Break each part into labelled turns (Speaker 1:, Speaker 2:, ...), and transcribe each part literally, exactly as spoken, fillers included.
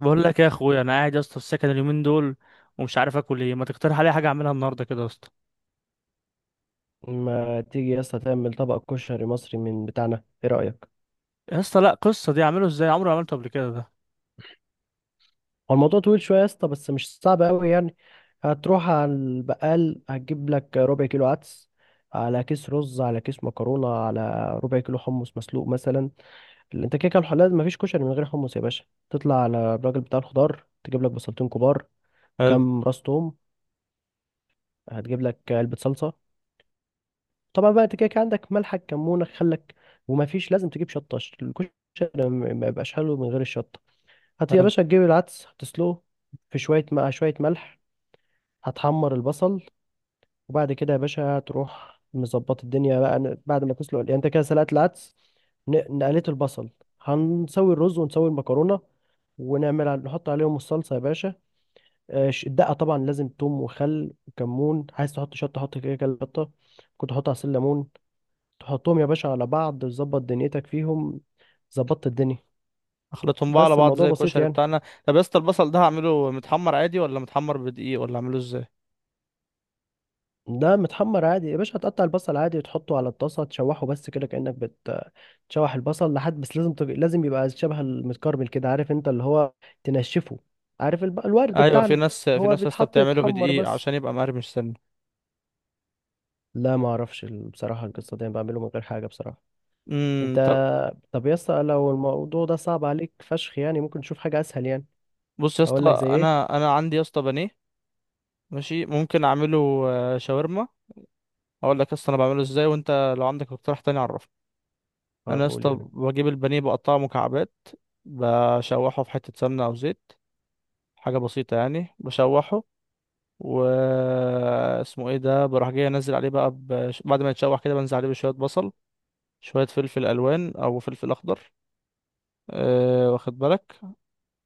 Speaker 1: بقول لك يا اخويا، انا قاعد يا اسطى في السكن اليومين دول، ومش عارف اكل ايه. ما تقترح عليا حاجه اعملها النهارده كده يا اسطى؟
Speaker 2: ما تيجي يا اسطى تعمل طبق كشري مصري من بتاعنا؟ ايه رأيك؟
Speaker 1: يا اسطى لا، قصه دي اعمله ازاي؟ عمري ما عملته قبل كده ده.
Speaker 2: هو الموضوع طويل شوية يا اسطى، بس مش صعب قوي يعني. هتروح على البقال، هتجيب لك ربع كيلو عدس، على كيس رز، على كيس مكرونة، على ربع كيلو حمص مسلوق مثلا. انت كده كده الحلال، مفيش كشري من غير حمص يا باشا. تطلع على الراجل بتاع الخضار، تجيب لك بصلتين كبار،
Speaker 1: حلو.
Speaker 2: كام راس توم، هتجيب لك علبة صلصة. طبعا بقى انت كده كده عندك ملحك، كمونك، خلك. ومفيش، لازم تجيب شطة، الكشري ما ما يبقاش حلو من غير الشطة. هت يا
Speaker 1: حلو.
Speaker 2: باشا تجيب العدس، هتسلقه في شوية، مع شوية ملح. هتحمر البصل. وبعد كده يا باشا هتروح مظبط الدنيا بقى، ن- بعد ما تسلق يعني، انت كده سلقت العدس، ن- نقلت البصل. هنسوي الرز ونسوي المكرونة. ونعمل على- نحط عليهم الصلصة يا باشا. آه، ش- الدقة طبعا لازم توم وخل وكمون، عايز تحط شطة حط كده كده شطة، كنت تحط عصير ليمون، تحطهم يا باشا على بعض، تظبط دنيتك فيهم. ظبطت الدنيا.
Speaker 1: اخلطهم بقى على
Speaker 2: بس
Speaker 1: بعض
Speaker 2: الموضوع
Speaker 1: زي
Speaker 2: بسيط
Speaker 1: الكشري
Speaker 2: يعني.
Speaker 1: بتاعنا. طب يا اسطى، البصل ده هعمله متحمر عادي ولا متحمر بدقيق ولا اعمله ازاي؟
Speaker 2: ده متحمر عادي يا باشا، هتقطع البصل عادي وتحطه على الطاسة، تشوحه بس كده كأنك بتشوح البصل لحد، بس لازم تبقى لازم يبقى شبه المتكرمل كده، عارف انت اللي هو تنشفه. عارف الب... الورد
Speaker 1: ايوه، في
Speaker 2: بتاعنا.
Speaker 1: ناس في
Speaker 2: هو
Speaker 1: ناس يا اسطى
Speaker 2: بيتحط
Speaker 1: بتعمله
Speaker 2: يتحمر
Speaker 1: بدقيق
Speaker 2: بس.
Speaker 1: عشان يبقى مقرمش سنه.
Speaker 2: لا ما اعرفش ال- بصراحة، القصة دي انا بعمله من غير حاجة بصراحة. انت.
Speaker 1: امم طب.
Speaker 2: طب يا اسطى لو الموضوع ده صعب عليك فشخ يعني، ممكن نشوف حاجة اسهل يعني.
Speaker 1: بص يا اسطى،
Speaker 2: اقول لك زي ايه؟
Speaker 1: انا انا عندي يا اسطى بانيه. ماشي، ممكن اعمله. آه، شاورما. اقول لك يا اسطى انا بعمله ازاي، وانت لو عندك اقتراح تاني عرفني.
Speaker 2: اه
Speaker 1: انا يا
Speaker 2: قول
Speaker 1: اسطى
Speaker 2: يا حبيبي.
Speaker 1: بجيب البانيه، بقطعه مكعبات. بشوحه في حته سمنه او زيت. حاجه بسيطه يعني، بشوحه. و اسمه ايه ده، بروح جاي انزل عليه بقى، بش... بعد ما يتشوح كده، بنزل عليه بشويه بصل. شويه فلفل الوان او فلفل اخضر. أه، واخد بالك.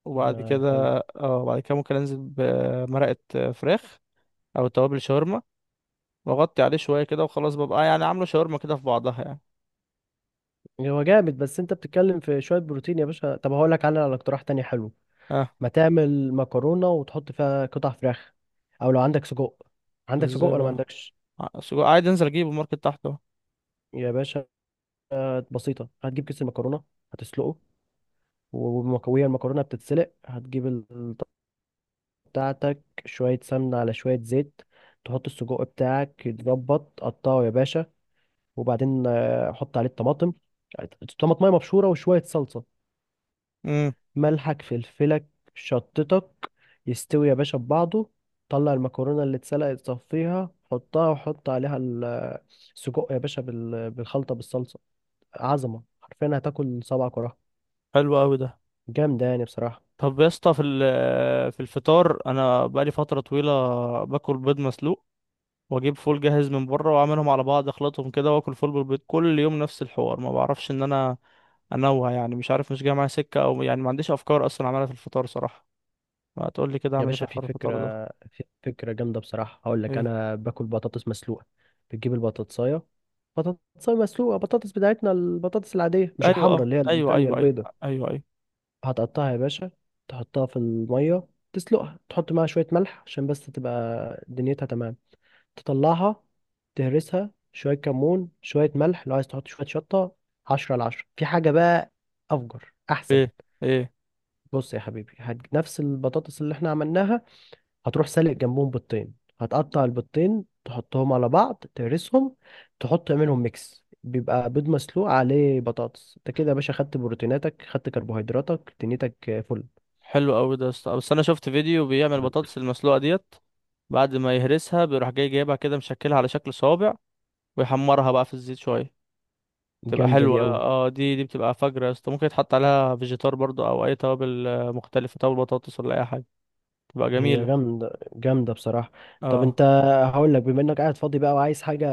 Speaker 1: وبعد
Speaker 2: ما حلو.
Speaker 1: كده. اه، بعد كده ممكن انزل بمرقه فراخ، او توابل شاورما، واغطي عليه شويه كده وخلاص، ببقى يعني عامله شاورما كده في بعضها يعني.
Speaker 2: هو جامد، بس انت بتتكلم في شوية بروتين يا باشا. طب هقول لك على على اقتراح تاني حلو.
Speaker 1: اه،
Speaker 2: ما تعمل مكرونة وتحط فيها قطع فراخ، او لو عندك سجق. عندك سجق
Speaker 1: ازاي
Speaker 2: ولا ما
Speaker 1: بقى؟
Speaker 2: عندكش؟
Speaker 1: ع- عادي انزل اجيبه ماركت تحت اهو.
Speaker 2: يا باشا، بسيطة، هتجيب كيس المكرونة، هتسلقه. ومك- وهي المكرونة بتتسلق، هتجيب الطاسة بتاعتك، شوية سمنة على شوية زيت. تحط السجق بتاعك يتظبط، قطعه يا باشا. وبعدين آه، حط عليه الطماطم، طماطمية مبشورة وشوية صلصة،
Speaker 1: امم.
Speaker 2: ملحك، فلفلك، شطتك، يستوي يا باشا ببعضه. طلع المكرونة اللي اتسلقت، صفيها، حطها وحط عليها ال- السجق يا باشا بال- بالخلطة بالصلصة. عظمة، حرفيا هتاكل صبعك وراها.
Speaker 1: حلو قوي ده.
Speaker 2: جامدة يعني بصراحة.
Speaker 1: طب يا اسطى، في ال- في الفطار انا بقالي فتره طويله، باكل بيض مسلوق، واجيب فول جاهز من بره، واعملهم على بعض، اخلطهم كده، واكل فول بالبيض كل يوم نفس الحوار. ما بعرفش ان انا انوع يعني. مش عارف، مش جاي معايا سكه، او يعني ما عنديش افكار اصلا اعملها في الفطار صراحه. ما تقول لي كده
Speaker 2: يا
Speaker 1: اعمل ايه
Speaker 2: باشا
Speaker 1: في
Speaker 2: في
Speaker 1: حوار
Speaker 2: فكرة
Speaker 1: الفطار ده؟
Speaker 2: في فكرة جامدة بصراحة، هقول لك
Speaker 1: ايه؟
Speaker 2: أنا باكل بطاطس مسلوقة. بتجيب البطاطساية، بطاطساية مسلوقة، بطاطس بتاعتنا، البطاطس العادية مش
Speaker 1: ايوه،
Speaker 2: الحمراء،
Speaker 1: اه،
Speaker 2: اللي هي
Speaker 1: ايوه،
Speaker 2: التانية
Speaker 1: ايوه، ايوه.
Speaker 2: البيضة.
Speaker 1: ايوه، ايوه.
Speaker 2: هتقطعها يا باشا، تحطها في المية، تسلقها، تحط معاها شوية ملح عشان بس تبقى دنيتها تمام. تطلعها، تهرسها، شوية كمون، شوية ملح، لو عايز تحط شوية شطة. عشرة على عشرة في حاجة بقى. أفجر أحسن.
Speaker 1: ايه؟ ايه؟
Speaker 2: بص يا حبيبي، هت... نفس البطاطس اللي احنا عملناها، هتروح سالق جنبهم بيضتين، هتقطع البيضتين، تحطهم على بعض، تهرسهم، تحط، تعملهم ميكس، بيبقى بيض مسلوق عليه بطاطس. انت كده يا باشا خدت بروتيناتك، خدت كربوهيدراتك، دنيتك فل.
Speaker 1: حلو قوي ده يا اسطى، بس انا شفت فيديو بيعمل البطاطس المسلوقه ديت، بعد ما يهرسها بيروح جاي جايبها كده، مشكلها على شكل صوابع، ويحمرها بقى في الزيت شويه. بتبقى
Speaker 2: جامدة
Speaker 1: حلوة،
Speaker 2: دي قوي.
Speaker 1: اه، دي دي بتبقى فجرة يا اسطى، ممكن يتحط عليها فيجيتار برضو، او اي توابل آه، مختلفة، توابل بطاطس ولا اي حاجة، تبقى
Speaker 2: هي
Speaker 1: جميلة.
Speaker 2: جامدة جامدة بصراحة. طب
Speaker 1: اه.
Speaker 2: انت، هقول لك، بما انك قاعد فاضي بقى وعايز حاجة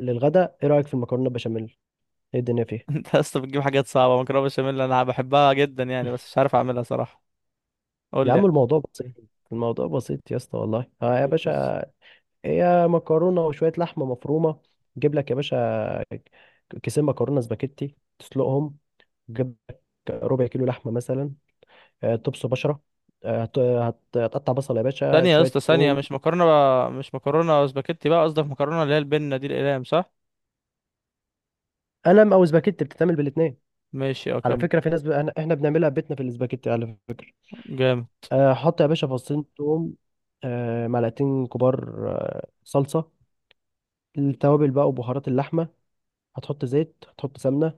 Speaker 2: للغدا، ايه رأيك في المكرونة بشاميل؟ ايه الدنيا فيها؟
Speaker 1: انت يا اسطى بتجيب حاجات صعبة! مكرونة بشاميل انا بحبها جدا يعني، بس مش عارف اعملها صراحة. قول
Speaker 2: يا
Speaker 1: لي.
Speaker 2: عم الموضوع بسيط.
Speaker 1: يعني.
Speaker 2: الموضوع بسيط يا اسطى والله، ها يا
Speaker 1: ايه القصة؟
Speaker 2: باشا. هي مكرونة وشوية لحمة مفرومة. جيب لك يا باشا كيسين مكرونة سباكيتي، تسلقهم. جيب لك ربع كيلو لحمة مثلا. آه، تبص بشرة. آه، هت- هت- هتقطع بصل يا باشا،
Speaker 1: ثانية يا
Speaker 2: شوية
Speaker 1: اسطى، ثانية،
Speaker 2: توم.
Speaker 1: مش مكرونة بقى، مش مكرونة سباكيتي بقى، قصدك مكرونة اللي هي البنة دي، الأقلام، صح؟
Speaker 2: قلم او سباكيتي بتتعمل بالاتنين.
Speaker 1: ماشي، اه،
Speaker 2: على
Speaker 1: كمل.
Speaker 2: فكرة في ناس ب... أنا- احنا بنعملها بيتنا في الاسباجيتي على فكرة.
Speaker 1: جامد.
Speaker 2: آه، حط يا باشا فصين توم، آه، معلقتين كبار، آه، صلصة، التوابل بقى وبهارات اللحمة. هتحط زيت، هتحط سمنة.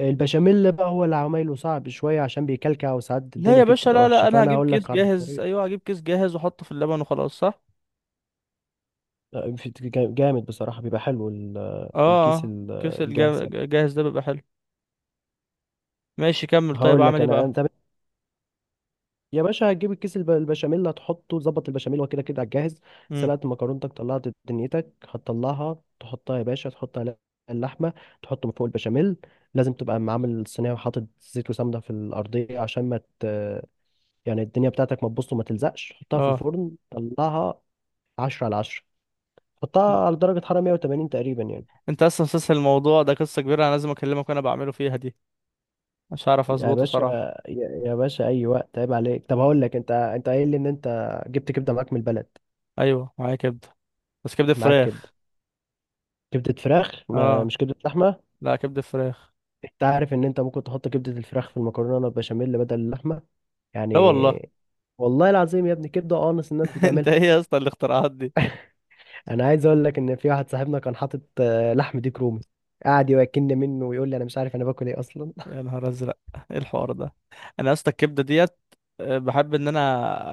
Speaker 2: البشاميل بقى هو اللي عمايله صعب شوية عشان بيكلكع وساعات
Speaker 1: لا
Speaker 2: الدنيا
Speaker 1: يا
Speaker 2: فيه
Speaker 1: باشا،
Speaker 2: بتبقى
Speaker 1: لا
Speaker 2: وحشة،
Speaker 1: لا، انا
Speaker 2: فأنا
Speaker 1: هجيب
Speaker 2: هقول
Speaker 1: كيس
Speaker 2: لك على
Speaker 1: جاهز،
Speaker 2: طريقة.
Speaker 1: ايوه هجيب كيس جاهز واحطه في اللبن وخلاص، صح؟
Speaker 2: آه، في- جامد بصراحة بيبقى حلو ال-
Speaker 1: اه.
Speaker 2: الكيس
Speaker 1: آه.
Speaker 2: ال-
Speaker 1: كيس
Speaker 2: الجاهز يعني.
Speaker 1: الجاهز ده بيبقى حلو. ماشي، كمل، طيب
Speaker 2: هقول
Speaker 1: اعمل
Speaker 2: لك
Speaker 1: ايه
Speaker 2: أنا،
Speaker 1: بقى؟
Speaker 2: أنت يا باشا هتجيب الكيس الب- البشاميل، هتحطه، ظبط البشاميل هو كده كده على الجاهز.
Speaker 1: امم.
Speaker 2: سلقت مكرونتك، طلعت دنيتك، هتطلعها تحطها يا باشا، تحط عليها اللحمة، تحط من فوق البشاميل. لازم تبقى معامل الصينية وحاطط زيت وسمنة في الأرضية عشان ما ت... يعني الدنيا بتاعتك ما تبص وما تلزقش. حطها في
Speaker 1: اه.
Speaker 2: الفرن، طلعها. عشرة على عشرة. حطها على درجة حرارة مية وتمانين تقريبا يعني.
Speaker 1: انت اصلا مسلسل الموضوع ده، قصه كبيره! انا لازم اكلمك وانا بعمله فيها دي، مش هعرف
Speaker 2: يا
Speaker 1: اظبطه
Speaker 2: باشا،
Speaker 1: صراحه.
Speaker 2: يا يا باشا أي وقت عيب عليك. طب هقول لك أنت أنت قايل لي إن أنت جبت كبدة معاك من البلد.
Speaker 1: ايوه، معايا كبده، بس كبده
Speaker 2: معاك كبدة،
Speaker 1: فراخ.
Speaker 2: كبدة فراخ، ما
Speaker 1: اه.
Speaker 2: مش كبدة لحمة.
Speaker 1: لا، كبده فراخ.
Speaker 2: انت عارف ان انت ممكن تحط كبدة الفراخ في المكرونة بشاميل بدل اللحمة
Speaker 1: لا والله.
Speaker 2: يعني. والله العظيم يا ابني، كبدة قانص الناس
Speaker 1: انت
Speaker 2: بتعملها.
Speaker 1: ايه يا اسطى الاختراعات دي؟
Speaker 2: انا عايز اقول لك ان في واحد صاحبنا كان حاطط آه، لحم ديك رومي، قعد يوكلني منه ويقول لي انا مش عارف انا باكل ايه اصلا.
Speaker 1: يا نهار ازرق! ايه الحوار ده؟ انا يا اسطى الكبده ديت، آه، بحب ان انا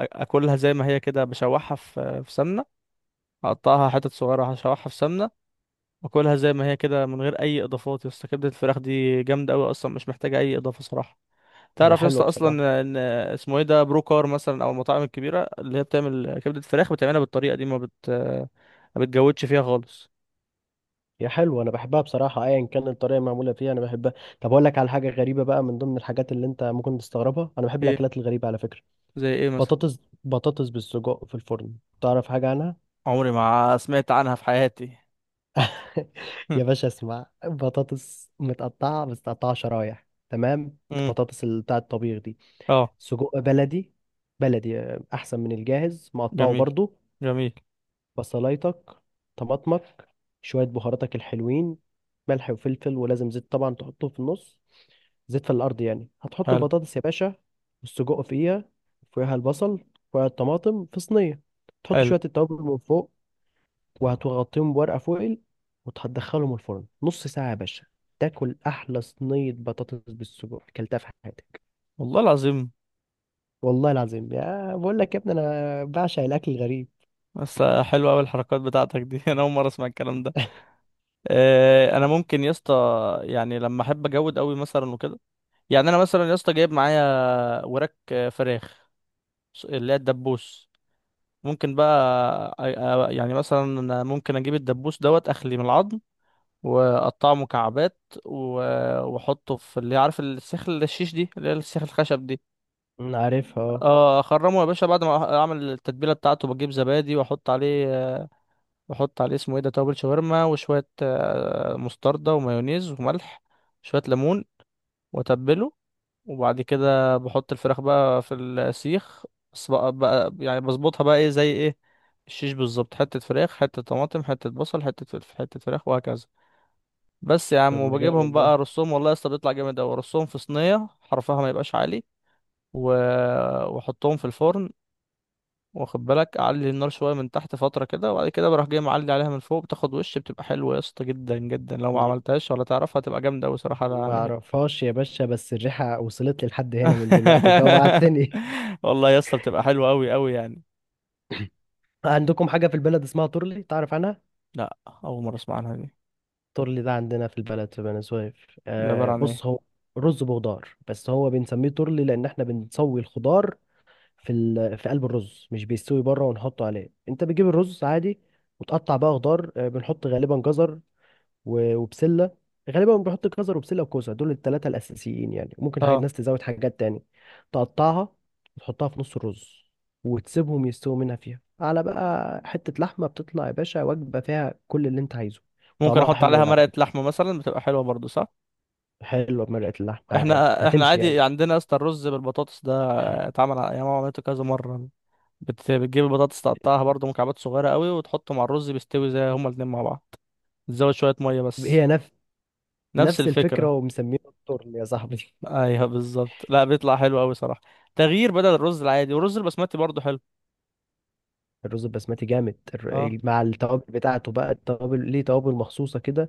Speaker 1: آ- اكلها زي ما هي كده، بشوحها في في سمنه. اقطعها حتت صغيره، هشوحها في سمنه، واكلها زي ما هي كده من غير اي اضافات. يا اسطى كبده الفراخ دي جامده قوي اصلا، مش محتاجه اي اضافه صراحه.
Speaker 2: يا
Speaker 1: تعرف يا
Speaker 2: حلوة
Speaker 1: اسطى
Speaker 2: بصراحة.
Speaker 1: اصلا ان اسمه ايه ده، بروكار مثلا، او المطاعم الكبيره اللي هي بتعمل كبده فراخ بتعملها بالطريقه دي، ما بت ما بتجودش فيها خالص.
Speaker 2: يا حلوة، انا بحبها بصراحة، ايا كان الطريقة المعمولة فيها انا بحبها. طب اقول لك على حاجة غريبة بقى، من ضمن الحاجات اللي انت ممكن تستغربها، انا بحب
Speaker 1: ايه
Speaker 2: الاكلات الغريبة على فكرة.
Speaker 1: زي ايه مثلا؟
Speaker 2: بطاطس بطاطس بالسجق في الفرن. تعرف حاجة عنها؟
Speaker 1: عمري ما سمعت عنها في حياتي!
Speaker 2: يا باشا اسمع، بطاطس متقطعة، بس متقطعة شرايح، تمام،
Speaker 1: امم.
Speaker 2: البطاطس اللي بتاع الطبيخ دي.
Speaker 1: اه،
Speaker 2: سجق بلدي، بلدي آه، أحسن من الجاهز، مقطعه
Speaker 1: جميل.
Speaker 2: برضو.
Speaker 1: جميل.
Speaker 2: بصلايتك، طماطمك، شوية بهاراتك الحلوين، ملح وفلفل، ولازم زيت طبعا تحطه في النص. زيت في الأرض يعني، هتحط
Speaker 1: حلو.
Speaker 2: البطاطس يا باشا، والسجق فيها، فوقها البصل، فوقها الطماطم في صينية، تحط
Speaker 1: حلو.
Speaker 2: شوية التوابل من فوق، وهتغطيهم بورقة فويل، وتدخلهم الفرن نص ساعة يا باشا. تاكل أحلى صينية بطاطس بالسجق أكلتها في حياتك.
Speaker 1: والله العظيم!
Speaker 2: والله العظيم. يا بقول لك يا ابني، أنا بعشق الأكل الغريب.
Speaker 1: بس حلوه قوي الحركات بتاعتك دي! انا اول مره اسمع الكلام ده. آه، انا ممكن يا اسطى، يعني لما احب اجود قوي مثلا وكده، يعني انا مثلا يا اسطى جايب معايا وراك آه، فراخ، اللي هي الدبوس. ممكن بقى أ- أ- يعني مثلا أنا ممكن اجيب الدبوس دوت، اخلي من العظم، واقطعه مكعبات، و- واحطه في اللي عارف السيخ الشيش دي، اللي هي السيخ الخشب دي.
Speaker 2: أنا عارفها أه.
Speaker 1: اه، اخرمه يا باشا. بعد ما اعمل التتبيله بتاعته، بجيب زبادي واحط عليه آه، واحط عليه اسمه ايه ده توابل شاورما، وشويه آه، مستردة ومايونيز وملح، شويه ليمون، واتبله. وبعد كده بحط الفراخ بقى في السيخ. بس بقى, بقى يعني بظبطها بقى، ايه زي ايه، الشيش بالظبط، حتة فراخ، حتة طماطم، حتة بصل، حتة فلفل، حتة فراخ وهكذا. بس يا عم،
Speaker 2: طب ما
Speaker 1: وبجيبهم
Speaker 2: جامد
Speaker 1: بقى
Speaker 2: ده.
Speaker 1: ارصهم، والله يا اسطى بيطلع جامد اوي، ارصهم في صينية حرفها ما يبقاش عالي. و... واحطهم في الفرن. واخد بالك، اعلي النار شوية من تحت فترة كده، وبعد كده بروح جاي معلي عليها من فوق، بتاخد وش، بتبقى حلوة يا اسطى جدا جدا. لو ما
Speaker 2: يا-
Speaker 1: عملتهاش ولا تعرفها هتبقى جامدة اوي صراحة
Speaker 2: ما
Speaker 1: يعني.
Speaker 2: أعرفهاش يا باشا، بس الريحة وصلت لي لحد هنا من دلوقتي، جوعتني.
Speaker 1: والله يا اسطى بتبقى حلوه قوي قوي يعني.
Speaker 2: عندكم حاجة في البلد اسمها تورلي، تعرف عنها؟
Speaker 1: لا، اول مره اسمع عنها دي.
Speaker 2: تورلي ده عندنا في البلد في بني سويف،
Speaker 1: دي عباره
Speaker 2: آه
Speaker 1: عن ايه؟
Speaker 2: بص هو رز بخضار، بس هو بنسميه تورلي، لأن احنا بنسوي الخضار في ال... في قلب الرز، مش بيستوي بره ونحطه عليه. انت بتجيب الرز عادي، وتقطع بقى خضار، آه، بنحط غالبا جزر و... وبسله. غالبا بنحط جزر وبسله وكوسه، دول الثلاثه الاساسيين يعني، ممكن حاجه
Speaker 1: اه،
Speaker 2: الناس تزود حاجات تاني. تقطعها، وتحطها في نص الرز، وتسيبهم يستووا، منها فيها على بقى حته لحمه، بتطلع يا باشا وجبه فيها كل اللي انت عايزه.
Speaker 1: ممكن
Speaker 2: طعمها
Speaker 1: احط
Speaker 2: حلو
Speaker 1: عليها
Speaker 2: قوي على
Speaker 1: مرقه
Speaker 2: فكره.
Speaker 1: لحمه مثلا، بتبقى حلوه برضو، صح؟
Speaker 2: حلوه بمرقه اللحمه عادي،
Speaker 1: احنا احنا
Speaker 2: هتمشي يعني.
Speaker 1: عادي عندنا يا اسطى الرز بالبطاطس ده، اتعمل على ايام عملته كذا مره. بت... بتجيب البطاطس تقطعها برضو مكعبات صغيره قوي، وتحطه مع الرز، بيستوي زي هما الاتنين مع بعض، تزود شويه ميه بس.
Speaker 2: هي نفس
Speaker 1: نفس
Speaker 2: نفس الفكره
Speaker 1: الفكره.
Speaker 2: ومسمينها التورلي يا صاحبي.
Speaker 1: ايوه بالظبط. لا بيطلع حلو قوي صراحه، تغيير بدل الرز العادي، والرز البسمتي برضو حلو.
Speaker 2: الرز البسمتي جامد،
Speaker 1: اه،
Speaker 2: الر- مع التوابل بتاعته بقى، التوابل ليه توابل مخصوصة كده.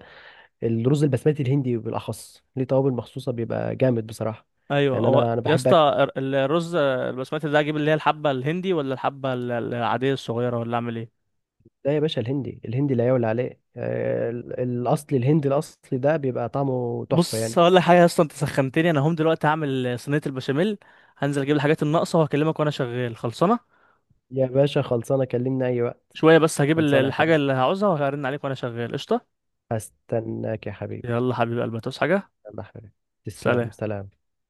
Speaker 2: الرز البسمتي الهندي بالأخص ليه توابل مخصوصة، بيبقى جامد بصراحة.
Speaker 1: ايوه
Speaker 2: يعني
Speaker 1: هو
Speaker 2: أنا أنا
Speaker 1: يا
Speaker 2: بحب
Speaker 1: اسطى،
Speaker 2: أكله.
Speaker 1: الر- الرز البسمتي ده اجيب اللي هي الحبه الهندي، ولا الحبه ال- العاديه الصغيره، ولا اعمل ايه؟
Speaker 2: ده يا باشا، الهندي الهندي لا يعلى عليه، آه، ال- الأصلي الهندي الأصلي ده بيبقى طعمه تحفة
Speaker 1: بص،
Speaker 2: يعني.
Speaker 1: هقول لك حاجه يا اسطى. انت سخنتني، انا هم دلوقتي هعمل صينيه البشاميل، هنزل اجيب الحاجات الناقصه، وهكلمك وانا شغال خلصانه.
Speaker 2: يا باشا، خلصانة، كلمني أي وقت.
Speaker 1: شويه بس، هجيب ال-
Speaker 2: خلصانة يا
Speaker 1: الحاجه
Speaker 2: حبيبي.
Speaker 1: اللي هعوزها، وهرن عليك وانا شغال قشطه.
Speaker 2: هستناك يا حبيبي.
Speaker 1: يلا حبيب قلبي، هتعوز حاجه؟
Speaker 2: يلا يا حبيبي، تسلم،
Speaker 1: سلام.
Speaker 2: سلام.